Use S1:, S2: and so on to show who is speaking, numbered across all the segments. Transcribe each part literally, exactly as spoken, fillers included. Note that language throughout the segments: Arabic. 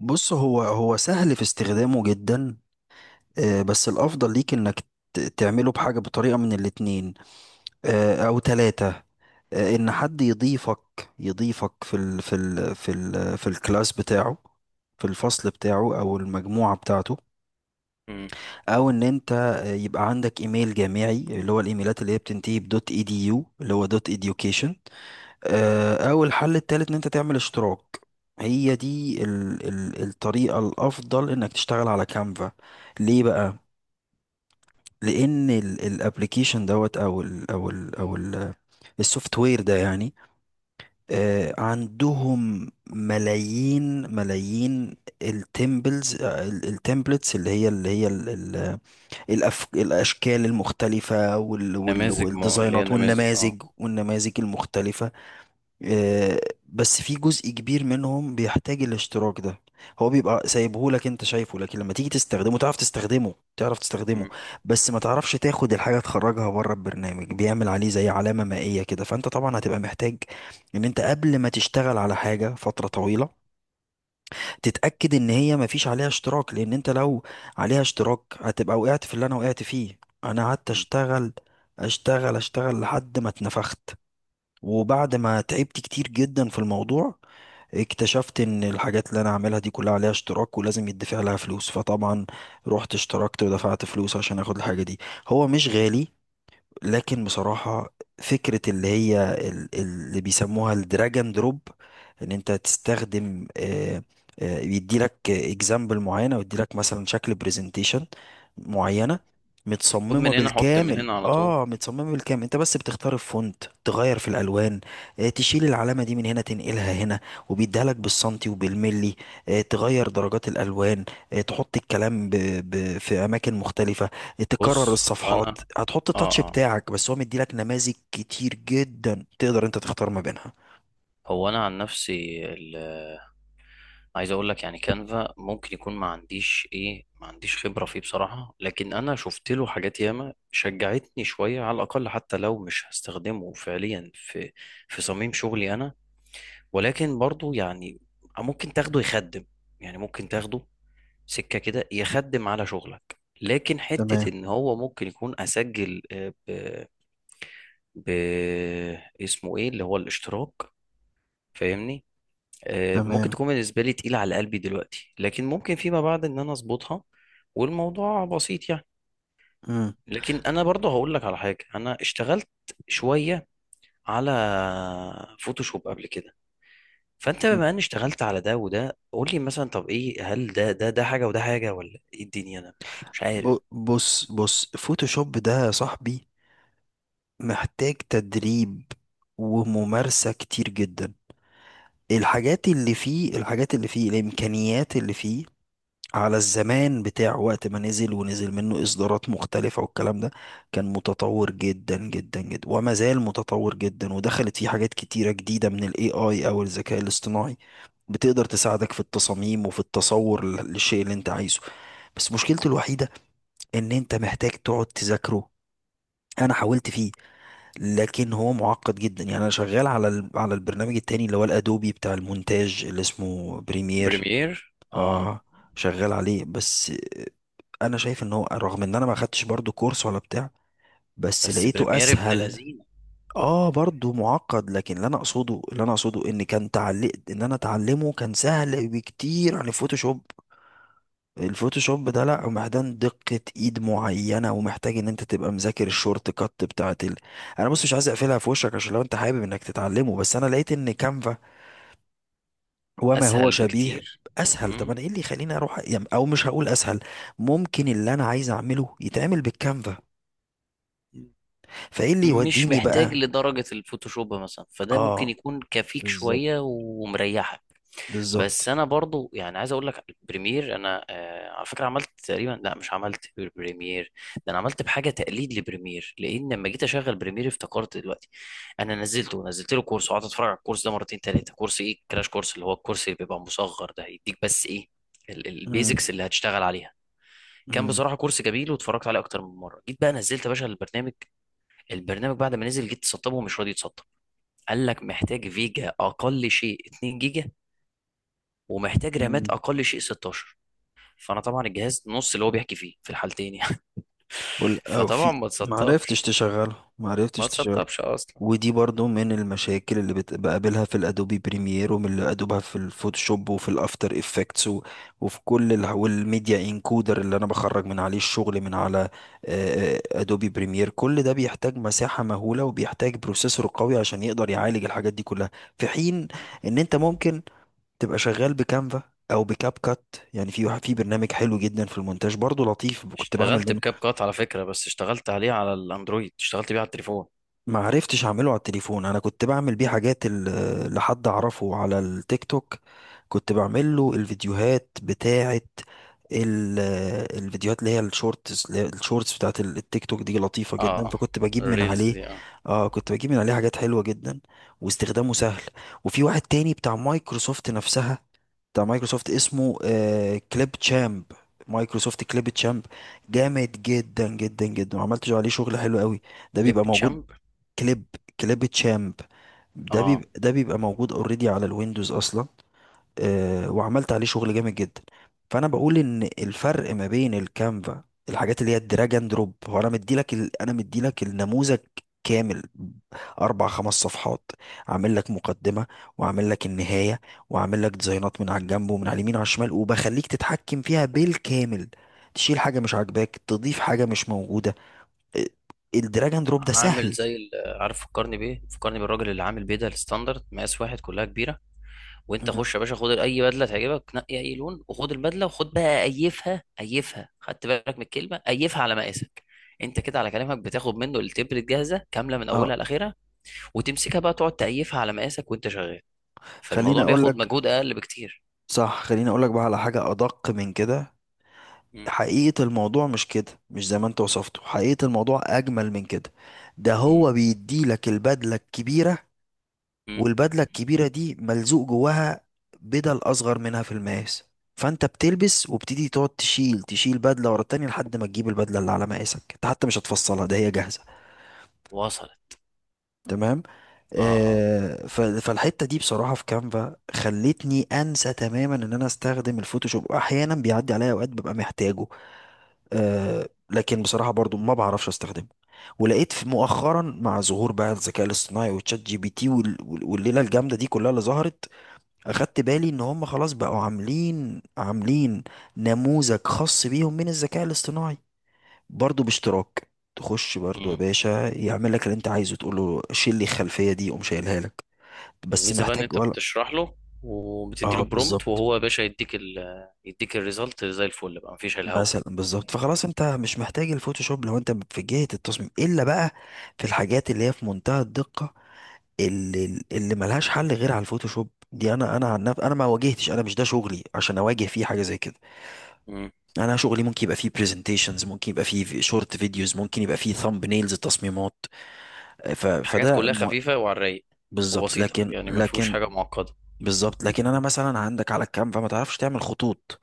S1: بص، هو هو سهل في استخدامه جدا. آه، بس الافضل ليك انك ت- تعمله بحاجه بطريقه من الاتنين، آه، او ثلاثه. ان حد يضيفك، يضيفك في ال في ال في ال في الكلاس بتاعه، في الفصل بتاعه او المجموعه بتاعته.
S2: مم.
S1: او ان انت، آه، يبقى عندك ايميل جامعي، اللي هو الايميلات اللي هي بتنتهي بدوت اي دي يو، اللي هو دوت education. آه، او الحل التالت ان انت تعمل اشتراك. هي دي ال ال الطريقة الافضل انك تشتغل على كانفا. ليه بقى؟ لان الابلكيشن دوت او ال او ال او السوفت وير ده يعني، آه، عندهم ملايين ملايين التمبلز التمبلتس، اللي هي اللي هي ال ال الأف... الاشكال المختلفة، وال... وال...
S2: نماذج مو... اللي هي
S1: والديزاينات،
S2: نماذج اه
S1: والنماذج والنماذج المختلفة. آه، بس في جزء كبير منهم بيحتاج الاشتراك ده. هو بيبقى سايبهولك انت شايفه، لكن لما تيجي تستخدمه، تعرف تستخدمه تعرف تستخدمه،
S2: مم.
S1: بس ما تعرفش تاخد الحاجة تخرجها بره، البرنامج بيعمل عليه زي علامة مائية كده. فانت طبعا هتبقى محتاج ان انت، قبل ما تشتغل على حاجة فترة طويلة، تتأكد ان هي ما فيش عليها اشتراك. لان انت لو عليها اشتراك، هتبقى وقعت في اللي انا وقعت فيه. انا قعدت
S2: مم.
S1: اشتغل اشتغل اشتغل لحد ما اتنفخت، وبعد ما تعبت كتير جدا في الموضوع، اكتشفت ان الحاجات اللي انا عاملها دي كلها عليها اشتراك ولازم يدفع لها فلوس. فطبعا رحت اشتركت ودفعت فلوس عشان اخد الحاجة دي. هو مش غالي، لكن بصراحة فكرة اللي هي ال- اللي بيسموها الدراجون دروب، ان انت تستخدم آه، آه، يديلك اكزامبل معينة، ويديلك مثلا شكل برزنتيشن معينة،
S2: خد
S1: متصممة
S2: من هنا حط من
S1: بالكامل.
S2: هنا على طول.
S1: اه، متصممة بالكامل، انت بس بتختار الفونت، تغير في الالوان، آه، تشيل العلامة دي من هنا تنقلها هنا، وبيديها لك بالسنتي وبالملي، آه، تغير درجات الالوان، آه، تحط الكلام ب... ب... في اماكن مختلفة، تكرر
S2: بص، هو انا
S1: الصفحات، هتحط
S2: اه
S1: التاتش
S2: اه
S1: بتاعك. بس هو مديلك نماذج كتير جدا تقدر انت تختار ما بينها.
S2: هو انا عن نفسي، ال... عايز اقول لك يعني كانفا ممكن يكون ما عنديش ايه ما عنديش خبرة فيه بصراحة، لكن انا شفت له حاجات ياما شجعتني شوية، على الاقل حتى لو مش هستخدمه فعليا في في صميم شغلي انا. ولكن برضو يعني ممكن تاخده يخدم يعني ممكن تاخده سكه كده يخدم على شغلك، لكن حته
S1: تمام.
S2: ان هو ممكن يكون اسجل، آه، ب... ب اسمه ايه اللي هو الاشتراك، فاهمني؟ آه، ممكن
S1: تمام.
S2: تكون بالنسبه لي تقيله على قلبي دلوقتي، لكن ممكن فيما بعد ان انا اظبطها، والموضوع بسيط يعني.
S1: مم.
S2: لكن انا برضه هقول لك على حاجه، انا اشتغلت شويه على فوتوشوب قبل كده، فانت
S1: مم.
S2: بما اني اشتغلت على ده وده، قول لي مثلا، طب ايه، هل ده ده ده حاجه وده حاجه ولا ايه الدنيا؟ انا مش مش
S1: ب-
S2: عارف.
S1: بص بص، فوتوشوب ده يا صاحبي محتاج تدريب وممارسة كتير جدا. الحاجات اللي فيه الحاجات اللي فيه، الإمكانيات اللي فيه، على الزمان بتاع وقت ما نزل، ونزل منه إصدارات مختلفة والكلام ده، كان متطور جدا جدا جدا، وما زال متطور جدا. ودخلت فيه حاجات كتيرة جديدة من ال إيه آي أو الذكاء الاصطناعي، بتقدر تساعدك في التصاميم وفي التصور لل- للشيء اللي أنت عايزه. بس مشكلته الوحيدة إن أنت محتاج تقعد تذاكره. أنا حاولت فيه، لكن هو معقد جدا. يعني أنا شغال على ال- على البرنامج التاني اللي هو الأدوبي بتاع المونتاج اللي اسمه بريمير.
S2: بريمير، اه.
S1: اه، شغال عليه. بس انا شايف ان هو، رغم ان انا ما خدتش برضو كورس ولا بتاع، بس
S2: بس
S1: لقيته
S2: بريمير ابن
S1: اسهل.
S2: لذينه.
S1: اه، برضو معقد، لكن اللي انا اقصده اللي انا اقصده ان كان تعليق ان انا اتعلمه كان سهل بكتير عن الفوتوشوب. الفوتوشوب ده لا، محتاج دقة ايد معينة، ومحتاج ان انت تبقى مذاكر الشورت كات بتاعت ال... انا بص، مش عايز اقفلها في وشك، عشان لو انت حابب انك تتعلمه. بس انا لقيت ان كانفا وما هو
S2: اسهل
S1: شبيه
S2: بكتير.
S1: اسهل. طب
S2: مم.
S1: انا ايه اللي يخليني اروح يعني؟ او مش هقول اسهل، ممكن اللي انا عايز اعمله يتعمل بالكانفا، فايه اللي
S2: مش
S1: يوديني
S2: محتاج
S1: بقى؟
S2: لدرجة الفوتوشوب مثلا، فده ممكن
S1: اه،
S2: يكون كفيك
S1: بالظبط.
S2: شوية ومريحك. بس
S1: بالظبط.
S2: انا برضو يعني عايز اقول لك البريمير، انا آه على فكرة عملت تقريبا، لا، مش عملت بريمير. ده انا عملت بحاجة تقليد لبريمير، لان لما جيت اشغل بريمير افتكرت دلوقتي، انا نزلته نزلت له كورس وقعدت اتفرج على الكورس ده مرتين تلاتة. كورس ايه؟ كراش كورس، اللي هو الكورس اللي بيبقى مصغر، ده يديك بس ايه،
S1: امم.
S2: البيزكس اللي هتشتغل عليها. كان
S1: امم.
S2: بصراحة كورس جميل، واتفرجت عليه أكتر من مرة. جيت بقى نزلت يا باشا البرنامج، البرنامج بعد ما نزل جيت تسطبه ومش راضي يتسطب. قال لك محتاج فيجا اقل شيء اثنين جيجا، ومحتاج رامات اقل شيء ستاشر. فانا طبعا الجهاز نص اللي هو بيحكي فيه في الحالتين يعني.
S1: وال- او
S2: فطبعا
S1: في،
S2: ما
S1: ما عرفتش
S2: تسطبش،
S1: تشغله ما
S2: ما
S1: عرفتش تشغله.
S2: تسطبش اصلا.
S1: ودي برضو من المشاكل اللي بت- بقابلها في الادوبي بريمير، ومن اللي بقابلها في الفوتوشوب وفي الافتر افكتس و- وفي كل ال... والميديا انكودر اللي انا بخرج من عليه الشغل، من على، آه، آه، ادوبي بريمير. كل ده بيحتاج مساحة مهولة وبيحتاج بروسيسور قوي عشان يقدر يعالج الحاجات دي كلها. في حين ان انت ممكن تبقى شغال بكانفا او بكاب كات. يعني في واحد- في برنامج حلو جدا في المونتاج برضو لطيف، كنت بعمل
S2: اشتغلت
S1: منه.
S2: بكاب كات على فكرة، بس اشتغلت عليه على الاندرويد، اشتغلت بيه على التليفون.
S1: ما عرفتش اعمله على التليفون. انا كنت بعمل بيه حاجات ال- لحد اعرفه على التيك توك، كنت بعمل له الفيديوهات بتاعه، ال- الفيديوهات اللي هي الشورتس الشورتس بتاعه ال- التيك توك، دي لطيفه
S2: اه.
S1: جدا.
S2: آه.
S1: فكنت بجيب من
S2: الريلز
S1: عليه،
S2: دي، اه.
S1: اه، كنت بجيب من عليه حاجات حلوه جدا، واستخدامه سهل. وفي واحد تاني بتاع مايكروسوفت نفسها، بتاع مايكروسوفت اسمه آه كليب تشامب، مايكروسوفت كليب تشامب. جامد جدا جدا جدا، وعملت عليه شغل حلو قوي. ده
S2: ليب
S1: بيبقى موجود.
S2: تشامب.
S1: كليب، كليب تشامب. ده
S2: اه.
S1: بيبقى ده بيبقى موجود اوريدي على الويندوز اصلا. آه، وعملت عليه شغل جامد جدا. فانا بقول ان الفرق ما بين الكانفا، الحاجات اللي هي الدراج اند دروب، هو انا مديلك ال... انا مديلك النموذج كامل، اربع خمس صفحات، عامل لك مقدمه، وعامل لك النهايه، وعامل لك ديزاينات من على الجنب ومن على اليمين وعلى الشمال، وبخليك تتحكم فيها بالكامل. تشيل حاجه مش عاجباك، تضيف حاجه مش موجوده. آه، الدراج اند دروب ده
S2: عامل
S1: سهل.
S2: زي ال- عارف فكرني بايه؟ فكرني بالراجل اللي عامل بيه ده الستاندرد مقاس واحد كلها كبيرة، وانت
S1: مم.
S2: خش يا باشا خد اي بدله تعجبك، نقي اي لون وخد البدله، وخد بقى ايفها، ايفها، خدت بالك من الكلمه؟ ايفها على مقاسك. انت كده على كلامك بتاخد منه التبرة جاهزه كامله من
S1: اه،
S2: اولها لاخرها، وتمسكها بقى تقعد تأيفها على مقاسك وانت شغال،
S1: خليني
S2: فالموضوع
S1: اقول
S2: بياخد
S1: لك.
S2: مجهود اقل بكتير.
S1: صح، خليني اقول لك بقى على حاجه ادق من كده.
S2: مم.
S1: حقيقه الموضوع مش كده، مش زي ما انت وصفته. حقيقه الموضوع اجمل من كده. ده
S2: مم.
S1: هو بيدي لك البدله الكبيره،
S2: مم.
S1: والبدله الكبيره دي ملزوق جواها بدل اصغر منها في المقاس. فانت بتلبس وبتدي، تقعد تشيل، تشيل بدله ورا التانية، لحد ما تجيب البدله اللي على مقاسك. انت حتى مش هتفصلها، ده هي جاهزه.
S2: وصلت.
S1: تمام.
S2: اه، اه.
S1: آه، ف- فالحته دي بصراحه في كانفا خلتني انسى تماما ان انا استخدم الفوتوشوب. احيانا بيعدي عليا اوقات ببقى محتاجه، آه، لكن بصراحه برضو ما بعرفش استخدمه. ولقيت في مؤخرا، مع ظهور بقى الذكاء الاصطناعي وتشات جي بي تي وال- وال- والليله الجامده دي كلها اللي ظهرت،
S2: مم.
S1: اخدت بالي ان هم خلاص بقوا عاملين عاملين نموذج خاص بيهم من الذكاء الاصطناعي، برضو باشتراك. تخش برضو يا
S2: مم.
S1: باشا يعمل لك اللي انت عايزه، تقول له شيل لي الخلفيه دي، قوم شايلها لك. بس
S2: الميزه بقى ان
S1: محتاج
S2: انت
S1: ولا،
S2: بتشرح له، وبتدي
S1: اه
S2: له برومبت،
S1: بالظبط.
S2: وهو يا باشا يديك ال يديك الريزلت زي الفل بقى، مفيش الهوا.
S1: مثلا، بالظبط. فخلاص انت مش محتاج الفوتوشوب لو انت في جهه التصميم، الا بقى في الحاجات اللي هي في منتهى الدقه، اللي اللي ملهاش حل غير على الفوتوشوب. دي انا انا عن نفسي انا ما واجهتش، انا مش ده شغلي عشان اواجه فيه حاجه زي كده. انا شغلي ممكن يبقى فيه برزنتيشنز، ممكن يبقى فيه شورت فيديوز، ممكن يبقى فيه ثامب نيلز تصميمات، ف...
S2: حاجات
S1: فده
S2: كلها
S1: مو-
S2: خفيفة وعلى الرايق.
S1: بالظبط.
S2: وبسيطة
S1: لكن،
S2: يعني، ما فيهوش
S1: لكن
S2: حاجة معقدة.
S1: بالظبط. لكن انا مثلا، عندك على الكانفا ما تعرفش تعمل خطوط.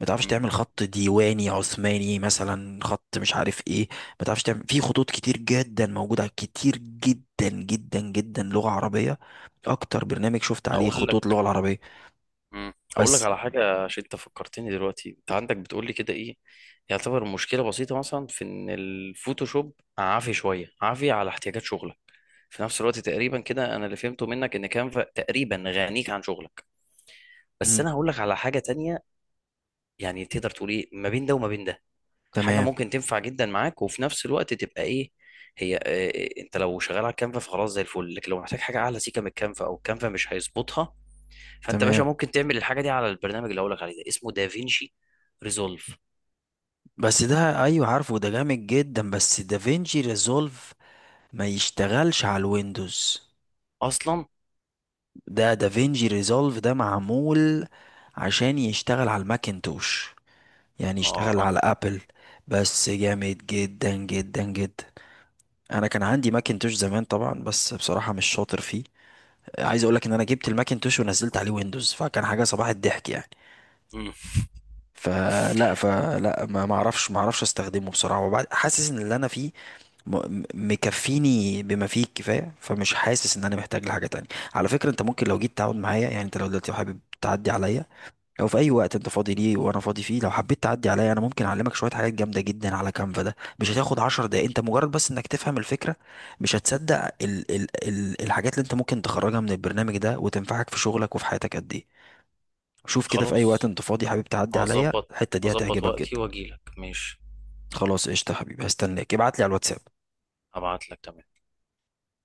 S1: ما تعرفش
S2: مم.
S1: تعمل خط ديواني عثماني مثلا، خط مش عارف ايه. ما تعرفش، تعمل في خطوط كتير جدا موجوده كتير جدا جدا جدا لغه عربيه. اكتر برنامج شفت عليه
S2: أقول
S1: خطوط
S2: لك.
S1: لغه العربيه.
S2: مم. أقول لك
S1: بس،
S2: على حاجة، عشان أنت فكرتني دلوقتي، أنت عندك بتقول لي كده إيه يعتبر مشكلة بسيطة، مثلا في إن الفوتوشوب عافي شوية، عافي على احتياجات شغلك. في نفس الوقت تقريبا كده، أنا اللي فهمته منك إن كانفا تقريبا غنيك عن شغلك. بس
S1: مم.
S2: أنا هقول لك على حاجة تانية، يعني تقدر تقول إيه ما بين ده وما بين ده. حاجه
S1: تمام.
S2: ممكن تنفع جدا معاك، وفي نفس الوقت تبقى ايه، هي إيه؟ انت لو شغال على الكانفا فخلاص زي الفل، لكن لو محتاج حاجه اعلى سيكه من الكانفا، او الكانفا مش هيظبطها، فانت يا باشا
S1: تمام.
S2: ممكن تعمل الحاجه دي على البرنامج اللي هقول لك عليه ده، اسمه دافينشي ريزولف.
S1: بس ده ايوه، عارفه ده جامد جدا بس. دافينشي ريزولف ما يشتغلش على الويندوز.
S2: اصلا،
S1: ده دافينشي ريزولف ده معمول عشان يشتغل على الماكنتوش، يعني اشتغل
S2: اه.
S1: على ابل. بس جامد جدا جدا جدا. انا كان عندي ماكنتوش زمان طبعا، بس بصراحة مش شاطر فيه. عايز اقولك ان انا جبت الماكنتوش ونزلت عليه ويندوز، فكان حاجة صباح الضحك يعني.
S2: مم.
S1: فلا، فلا ما ما اعرفش، ما اعرفش استخدمه بصراحة. وبعد حاسس ان اللي انا فيه م- م- مكفيني بما فيه الكفاية، فمش حاسس ان انا محتاج لحاجة تانية. على فكرة انت ممكن، لو جيت تقعد معايا، يعني انت لو دلوقتي حابب تعدي عليا، لو في اي وقت انت فاضي ليه وانا فاضي فيه، لو حبيت تعدي عليا، انا ممكن اعلمك شويه حاجات جامده جدا على كانفا. ده مش هتاخد عشر دقايق، انت مجرد بس انك تفهم الفكره. مش هتصدق ال ال ال الحاجات اللي انت ممكن تخرجها من البرنامج ده وتنفعك في شغلك وفي حياتك قد ايه. شوف كده، في اي وقت
S2: خلاص،
S1: انت فاضي حبيب تعدي عليا،
S2: هظبط
S1: الحته دي
S2: هظبط
S1: هتعجبك
S2: وقتي
S1: جدا.
S2: واجيلك ماشي.
S1: خلاص قشطه يا حبيبي، هستناك. ابعت لي على الواتساب.
S2: هبعت لك، تمام.